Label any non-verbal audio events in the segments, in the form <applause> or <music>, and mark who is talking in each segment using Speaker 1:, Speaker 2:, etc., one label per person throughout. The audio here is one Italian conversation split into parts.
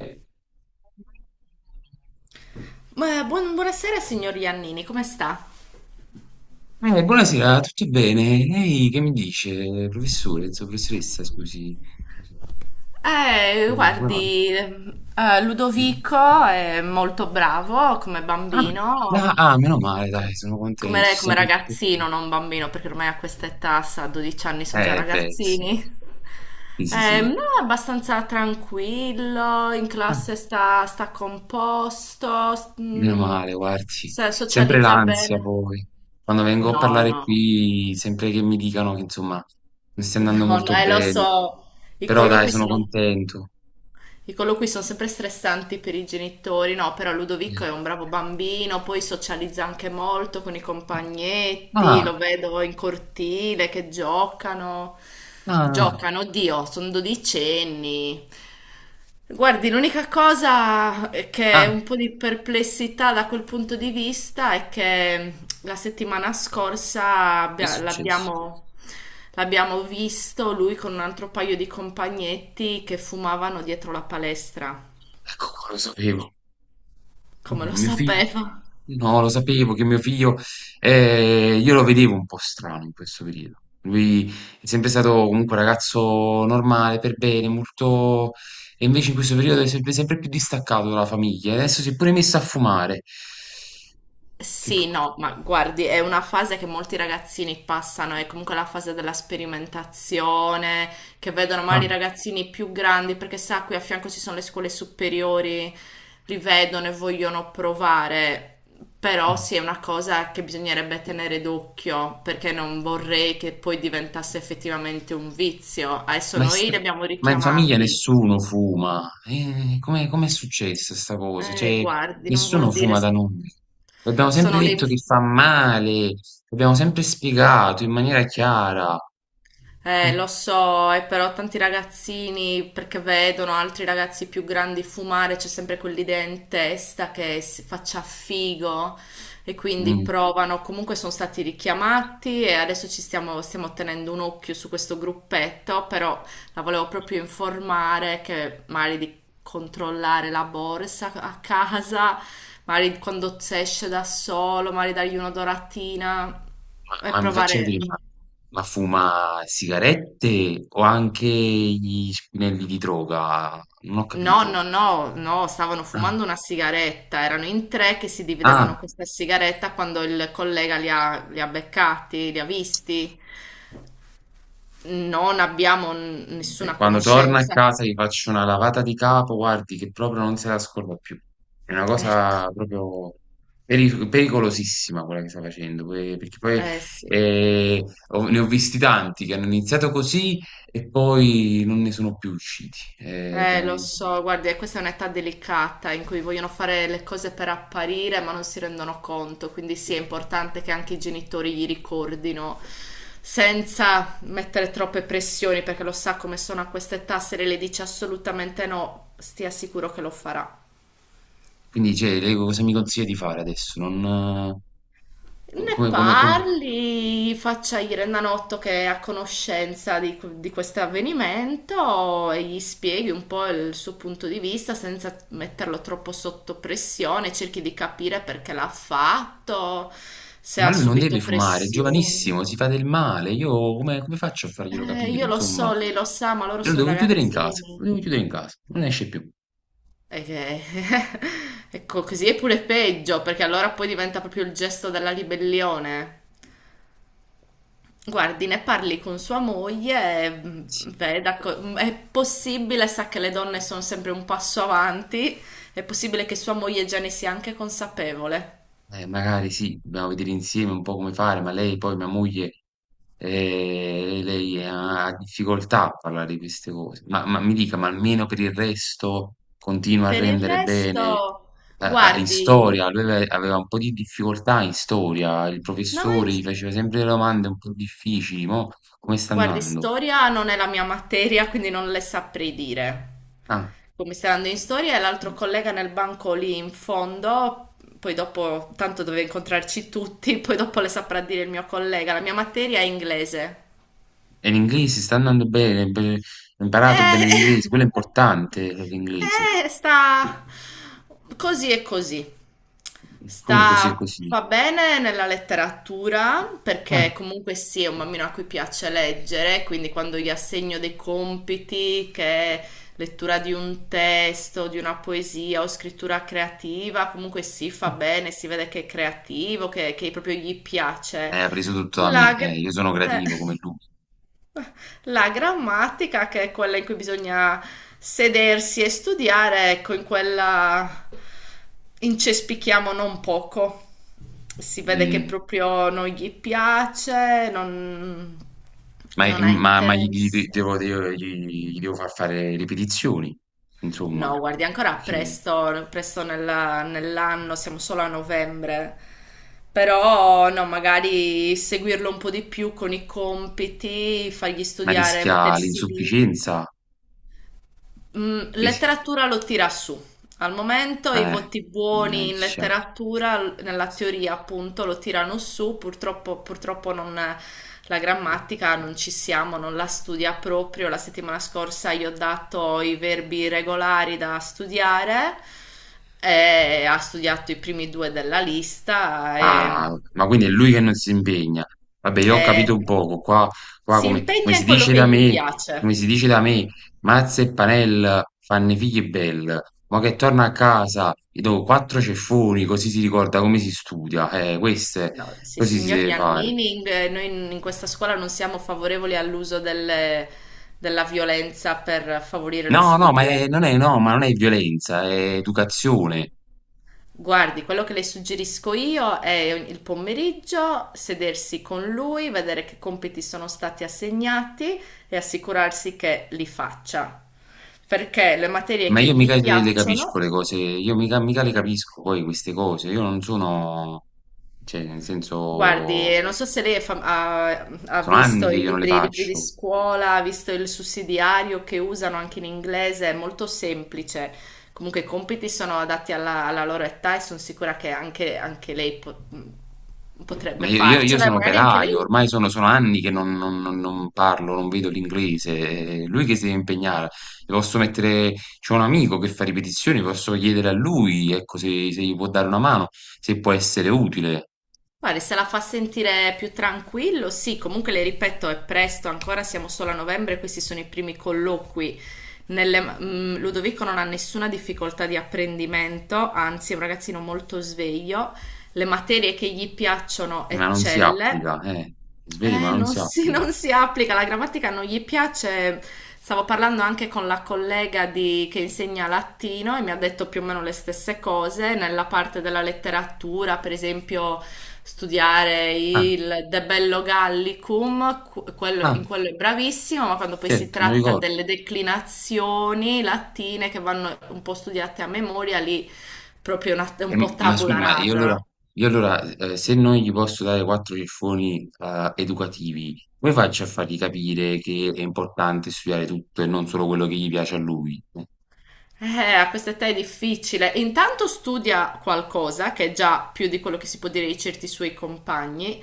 Speaker 1: Eh,
Speaker 2: Buonasera signor Iannini, come sta?
Speaker 1: Buonasera, tutto bene? Ehi, che mi dice, professore, insomma, professoressa, scusi. Mm, come va?
Speaker 2: Guardi, Ludovico è molto bravo come
Speaker 1: Ah,
Speaker 2: bambino,
Speaker 1: ah, ah, meno male,
Speaker 2: com-
Speaker 1: dai, sono contento.
Speaker 2: come, come
Speaker 1: Sono sempre-
Speaker 2: ragazzino,
Speaker 1: tutto-
Speaker 2: non bambino, perché ormai a questa età, sa, a 12 anni sono già
Speaker 1: Beh, Sì,
Speaker 2: ragazzini. No,
Speaker 1: sì.
Speaker 2: è abbastanza tranquillo, in
Speaker 1: Ah,
Speaker 2: classe sta, sta composto,
Speaker 1: meno male, guardi. Sempre
Speaker 2: socializza
Speaker 1: l'ansia
Speaker 2: bene.
Speaker 1: poi. Quando vengo a
Speaker 2: No,
Speaker 1: parlare
Speaker 2: no.
Speaker 1: qui, sempre che mi dicano che, insomma, non stia andando
Speaker 2: No, no,
Speaker 1: molto
Speaker 2: lo
Speaker 1: bene.
Speaker 2: so, i
Speaker 1: Però dai,
Speaker 2: colloqui
Speaker 1: sono
Speaker 2: sono,
Speaker 1: contento.
Speaker 2: i colloqui sono sempre stressanti per i genitori, no, però
Speaker 1: Eh.
Speaker 2: Ludovico è un bravo bambino, poi socializza anche molto con i compagnetti,
Speaker 1: Ah,
Speaker 2: lo vedo in cortile che giocano,
Speaker 1: ah, ah,
Speaker 2: giocano, oddio, sono dodicenni. Guardi, l'unica cosa che è
Speaker 1: ah,
Speaker 2: un po' di perplessità da quel punto di vista è che la settimana scorsa
Speaker 1: che è successo?
Speaker 2: l'abbiamo visto lui con un altro paio di compagnetti che fumavano dietro la palestra,
Speaker 1: Ecco qua, lo sapevo.
Speaker 2: come
Speaker 1: No,
Speaker 2: lo
Speaker 1: mio figlio,
Speaker 2: sapeva.
Speaker 1: no, lo sapevo che mio figlio, io lo vedevo un po' strano in questo periodo. Lui è sempre stato comunque un ragazzo normale, per bene, molto... E invece in questo periodo è sempre, sempre più distaccato dalla famiglia. Adesso si è pure messo a fumare. Che
Speaker 2: Sì,
Speaker 1: co-
Speaker 2: no, ma guardi, è una fase che molti ragazzini passano, è comunque la fase della sperimentazione, che vedono
Speaker 1: Ah.
Speaker 2: magari i ragazzini più grandi, perché sa, qui a fianco ci sono le scuole superiori, li vedono e vogliono provare, però
Speaker 1: Mm.
Speaker 2: sì, è una cosa che bisognerebbe tenere d'occhio, perché non vorrei che poi diventasse effettivamente un vizio. Adesso
Speaker 1: Ma è
Speaker 2: noi li
Speaker 1: stra-
Speaker 2: abbiamo
Speaker 1: ma in famiglia
Speaker 2: richiamati.
Speaker 1: nessuno fuma. Come Com'è successa sta cosa? Cioè,
Speaker 2: Guardi, non
Speaker 1: nessuno
Speaker 2: vuol dire...
Speaker 1: fuma da noi. Abbiamo sempre
Speaker 2: sono le
Speaker 1: detto che fa
Speaker 2: influenze.
Speaker 1: male, abbiamo sempre spiegato in maniera chiara.
Speaker 2: Lo
Speaker 1: Mm,
Speaker 2: so, e però tanti ragazzini, perché vedono altri ragazzi più grandi fumare, c'è sempre quell'idea in testa che si faccia figo e quindi
Speaker 1: mm,
Speaker 2: provano. Comunque sono stati richiamati e adesso stiamo tenendo un occhio su questo gruppetto, però la volevo proprio informare che magari di controllare la borsa a casa, magari quando si esce da solo, magari dargli una doratina e
Speaker 1: ma mi faccia
Speaker 2: provare.
Speaker 1: capire, ma fuma sigarette o anche gli spinelli di droga? Non ho
Speaker 2: No,
Speaker 1: capito.
Speaker 2: no, no, no, stavano
Speaker 1: Ah,
Speaker 2: fumando una sigaretta, erano in tre che si
Speaker 1: ah,
Speaker 2: dividevano questa sigaretta quando il collega li ha beccati, li ha visti. Non abbiamo
Speaker 1: beh,
Speaker 2: nessuna
Speaker 1: quando torna a
Speaker 2: conoscenza.
Speaker 1: casa gli faccio una lavata di capo, guardi che proprio non se la scorda più. È una
Speaker 2: Ecco,
Speaker 1: cosa proprio pericolosissima quella che sta facendo, perché poi
Speaker 2: eh sì.
Speaker 1: eh, ne ho visti tanti che hanno iniziato così e poi non ne sono più usciti,
Speaker 2: Lo
Speaker 1: veramente.
Speaker 2: so, guardi, questa è un'età delicata in cui vogliono fare le cose per apparire, ma non si rendono conto, quindi sì, è importante che anche i genitori gli ricordino senza mettere troppe pressioni, perché lo sa come sono a quest'età, se lei le dice assolutamente no, stia sicuro che lo farà.
Speaker 1: Quindi, cioè, lei cosa mi consiglia di fare adesso? Non, eh, co-
Speaker 2: Ne
Speaker 1: Come, come, come?
Speaker 2: parli, faccia il Renanotto che è a conoscenza di questo avvenimento e gli spieghi un po' il suo punto di vista senza metterlo troppo sotto pressione, cerchi di capire perché l'ha fatto, se
Speaker 1: Ma
Speaker 2: ha
Speaker 1: lui non deve
Speaker 2: subito
Speaker 1: fumare, è
Speaker 2: pressioni.
Speaker 1: giovanissimo, si fa del male. Io come, come faccio a farglielo capire?
Speaker 2: Io lo
Speaker 1: Insomma,
Speaker 2: so, lei lo sa, ma loro
Speaker 1: io lo
Speaker 2: sono
Speaker 1: devo chiudere in casa, lo devo chiudere
Speaker 2: ragazzini.
Speaker 1: in casa, non esce più.
Speaker 2: E che- <laughs> Ecco, così è pure peggio, perché allora poi diventa proprio il gesto della ribellione. Guardi, ne parli con sua moglie, e, veda, è possibile, sa che le donne sono sempre un passo avanti, è possibile che sua moglie già ne sia anche consapevole.
Speaker 1: Magari sì, dobbiamo vedere insieme un po' come fare, ma lei poi, mia moglie, lei ha difficoltà a parlare di queste cose. Ma mi dica, ma almeno per il resto continua a
Speaker 2: Per il
Speaker 1: rendere bene?
Speaker 2: resto,
Speaker 1: In storia,
Speaker 2: guardi,
Speaker 1: lui aveva un po' di difficoltà in storia, il
Speaker 2: no,
Speaker 1: professore gli
Speaker 2: è-
Speaker 1: faceva sempre delle domande un po' difficili, mo come sta
Speaker 2: guardi,
Speaker 1: andando?
Speaker 2: storia non è la mia materia, quindi non le saprei dire.
Speaker 1: Ah,
Speaker 2: Come stai andando in storia e l'altro collega nel banco lì in fondo, poi dopo, tanto dove incontrarci tutti, <laughs> poi dopo le saprà dire il mio collega, la mia materia è inglese.
Speaker 1: e l'inglese sta andando bene, ha imparato bene
Speaker 2: Eh,
Speaker 1: l'inglese, quello è importante l'inglese,
Speaker 2: <laughs> sta così e così.
Speaker 1: come così e
Speaker 2: Sta,
Speaker 1: così.
Speaker 2: fa bene nella letteratura
Speaker 1: Ah.
Speaker 2: perché comunque sì, è un bambino a cui piace leggere, quindi quando gli assegno dei compiti, che è lettura di un testo, di una poesia o scrittura creativa, comunque sì, fa bene, si vede che è creativo, che proprio gli piace.
Speaker 1: Ha preso tutto da me,
Speaker 2: La... gra-
Speaker 1: io sono
Speaker 2: eh.
Speaker 1: creativo come lui.
Speaker 2: La grammatica, che è quella in cui bisogna sedersi e studiare, ecco, in quella incespichiamo non poco. Si vede che
Speaker 1: Mm,
Speaker 2: proprio non gli piace, non ha interesse.
Speaker 1: gli devo far fare ripetizioni, insomma,
Speaker 2: No, guardi, ancora
Speaker 1: perché-
Speaker 2: presto, nell'anno, siamo solo a novembre. Però no, magari seguirlo un po' di più con i compiti, fargli
Speaker 1: ma
Speaker 2: studiare,
Speaker 1: rischia
Speaker 2: mettersi lì.
Speaker 1: l'insufficienza,
Speaker 2: Mm,
Speaker 1: rischia,
Speaker 2: letteratura lo tira su. Al momento i
Speaker 1: eh,
Speaker 2: voti buoni in
Speaker 1: mannaggia.
Speaker 2: letteratura, nella teoria appunto, lo tirano su. Purtroppo, purtroppo non, la grammatica non ci siamo, non la studia proprio. La settimana scorsa gli ho dato i verbi regolari da studiare e ha studiato i primi due della lista e
Speaker 1: Ah, ma quindi è lui che non si impegna. Vabbè, io
Speaker 2: e
Speaker 1: ho capito poco. Qua, qua
Speaker 2: si
Speaker 1: come, come
Speaker 2: impegna
Speaker 1: si
Speaker 2: in quello
Speaker 1: dice
Speaker 2: che
Speaker 1: da
Speaker 2: gli
Speaker 1: me, come
Speaker 2: piace.
Speaker 1: si dice da me, Mazza e Panel fanno i figli belle. Ma che torna a casa, gli do quattro ceffoni, così si ricorda come si studia. Queste,
Speaker 2: No, sì,
Speaker 1: così si
Speaker 2: signor
Speaker 1: deve fare.
Speaker 2: Giannini, noi in questa scuola non siamo favorevoli della violenza per favorire lo studio.
Speaker 1: No, ma non è violenza, è educazione.
Speaker 2: Guardi, quello che le suggerisco io è il pomeriggio sedersi con lui, vedere che compiti sono stati assegnati e assicurarsi che li faccia. Perché le materie
Speaker 1: Ma
Speaker 2: che
Speaker 1: io mica
Speaker 2: gli
Speaker 1: le capisco
Speaker 2: piacciono...
Speaker 1: le cose, io mica, mica le capisco poi queste cose. Io non sono, cioè, nel senso.
Speaker 2: Guardi, non so se lei è ha
Speaker 1: Sono anni
Speaker 2: visto
Speaker 1: che io non le
Speaker 2: i libri di
Speaker 1: faccio.
Speaker 2: scuola, ha visto il sussidiario che usano anche in inglese, è molto semplice. Comunque i compiti sono adatti alla loro età e sono sicura che anche lei
Speaker 1: Ma
Speaker 2: potrebbe
Speaker 1: io, io
Speaker 2: farcela, e
Speaker 1: sono
Speaker 2: magari anche
Speaker 1: operaio,
Speaker 2: lei.
Speaker 1: ormai sono, sono anni che non parlo, non vedo l'inglese. È lui che si deve impegnare. Le posso mettere, c'è un amico che fa ripetizioni, posso chiedere a lui, ecco, se, se gli può dare una mano, se può essere utile.
Speaker 2: Guarda, se la fa sentire più tranquillo, sì, comunque le ripeto, è presto, ancora siamo solo a novembre, questi sono i primi colloqui. Ludovico non ha nessuna difficoltà di apprendimento, anzi è un ragazzino molto sveglio, le materie che gli piacciono
Speaker 1: Ma non si
Speaker 2: eccelle.
Speaker 1: applica, eh. Svegli, ma non
Speaker 2: Non
Speaker 1: si
Speaker 2: si, <laughs>
Speaker 1: applica.
Speaker 2: non si applica, la grammatica non gli piace. Stavo parlando anche con la collega che insegna latino e mi ha detto più o meno le stesse cose nella parte della letteratura, per esempio studiare
Speaker 1: Ah,
Speaker 2: il De Bello Gallicum, in
Speaker 1: ah,
Speaker 2: quello è bravissimo, ma quando poi si
Speaker 1: certo, mi
Speaker 2: tratta
Speaker 1: ricordo.
Speaker 2: delle declinazioni latine che vanno un po' studiate a memoria, lì è un po'
Speaker 1: Ma scusi,
Speaker 2: tabula
Speaker 1: ma
Speaker 2: rasa.
Speaker 1: io allora se non gli posso dare quattro ciffoni educativi, come faccio a fargli capire che è importante studiare tutto e non solo quello che gli piace a lui?
Speaker 2: Eh, a questa età è difficile. Intanto studia qualcosa, che è già più di quello che si può dire di certi suoi compagni.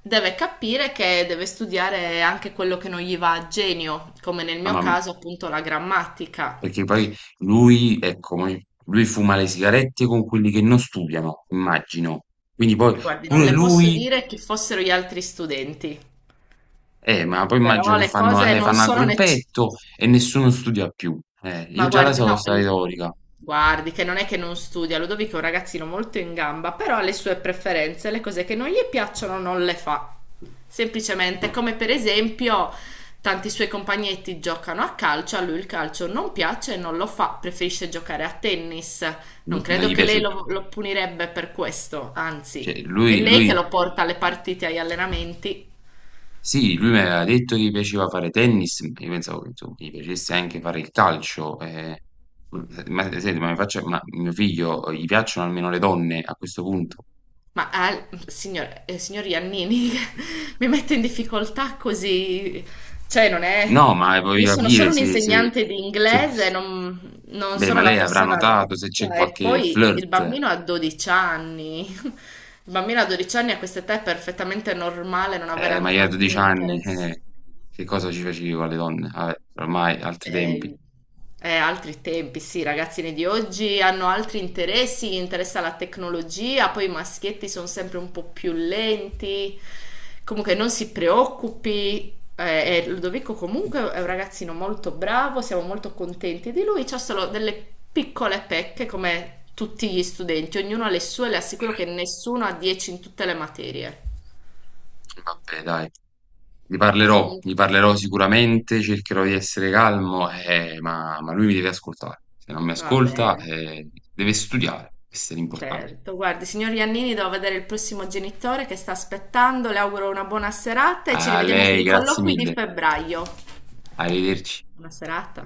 Speaker 2: Deve capire che deve studiare anche quello che non gli va a genio, come nel
Speaker 1: No,
Speaker 2: mio
Speaker 1: ma-
Speaker 2: caso appunto la grammatica.
Speaker 1: Perché poi lui, ecco, lui fuma le sigarette con quelli che non studiano, immagino. Quindi poi
Speaker 2: Guardi, non
Speaker 1: pure
Speaker 2: le posso
Speaker 1: lui,
Speaker 2: dire chi fossero gli altri studenti,
Speaker 1: ma poi immagino
Speaker 2: però
Speaker 1: che
Speaker 2: le
Speaker 1: fanno,
Speaker 2: cose non
Speaker 1: fanno a
Speaker 2: sono necessarie.
Speaker 1: gruppetto e nessuno studia più. Io
Speaker 2: Ma
Speaker 1: già la
Speaker 2: guardi,
Speaker 1: so, sta retorica,
Speaker 2: guardi che non è che non studia, Ludovico è un ragazzino molto in gamba, però ha le sue preferenze, le cose che non gli piacciono non le fa. Semplicemente, come per esempio, tanti suoi compagnetti giocano a calcio, a lui il calcio non piace e non lo fa, preferisce giocare a tennis. Non
Speaker 1: non non
Speaker 2: credo
Speaker 1: gli
Speaker 2: che lei
Speaker 1: piace,
Speaker 2: lo punirebbe per questo, anzi,
Speaker 1: cioè
Speaker 2: è
Speaker 1: lui,
Speaker 2: lei che
Speaker 1: lui.
Speaker 2: lo porta alle partite, agli allenamenti.
Speaker 1: Sì, lui mi aveva detto che gli piaceva fare tennis, io pensavo che insomma, gli piacesse anche fare il calcio. Eh. Ma senti, ma, mi faccia- Ma mio figlio gli piacciono almeno le donne a questo punto?
Speaker 2: Signor, signor Iannini <laughs> mi mette in difficoltà così, cioè non è...
Speaker 1: No, ma
Speaker 2: Io
Speaker 1: voglio
Speaker 2: sono
Speaker 1: capire
Speaker 2: solo un insegnante di
Speaker 1: se-
Speaker 2: inglese, non
Speaker 1: Beh,
Speaker 2: sono
Speaker 1: ma
Speaker 2: la
Speaker 1: lei avrà
Speaker 2: persona
Speaker 1: notato se c'è
Speaker 2: adatta. E
Speaker 1: qualche
Speaker 2: poi il
Speaker 1: flirt,
Speaker 2: bambino ha 12 anni. <laughs> Il bambino a 12 anni a questa età è perfettamente normale non avere
Speaker 1: ma io a
Speaker 2: alcun
Speaker 1: 12 anni,
Speaker 2: interesse.
Speaker 1: che cosa ci facevo alle donne? Vabbè, ormai altri tempi.
Speaker 2: Eh, eh, altri tempi, sì, i ragazzini di oggi hanno altri interessi, gli interessa la tecnologia, poi i maschietti sono sempre un po' più lenti. Comunque non si preoccupi, e Ludovico comunque è un ragazzino molto bravo, siamo molto contenti di lui, c'ha solo delle piccole pecche come tutti gli studenti, ognuno ha le sue, le assicuro che nessuno ha 10 in tutte le materie.
Speaker 1: Vabbè, dai,
Speaker 2: Comunque,
Speaker 1: gli parlerò sicuramente, cercherò di essere calmo, ma lui mi deve ascoltare. Se non mi
Speaker 2: va
Speaker 1: ascolta,
Speaker 2: bene.
Speaker 1: deve studiare, questo è l'importante.
Speaker 2: Certo, guardi, signor Iannini, devo vedere il prossimo genitore che sta aspettando. Le auguro una buona serata e ci
Speaker 1: A
Speaker 2: rivediamo per
Speaker 1: lei,
Speaker 2: i
Speaker 1: grazie
Speaker 2: colloqui di
Speaker 1: mille,
Speaker 2: febbraio.
Speaker 1: arrivederci.
Speaker 2: Buona serata.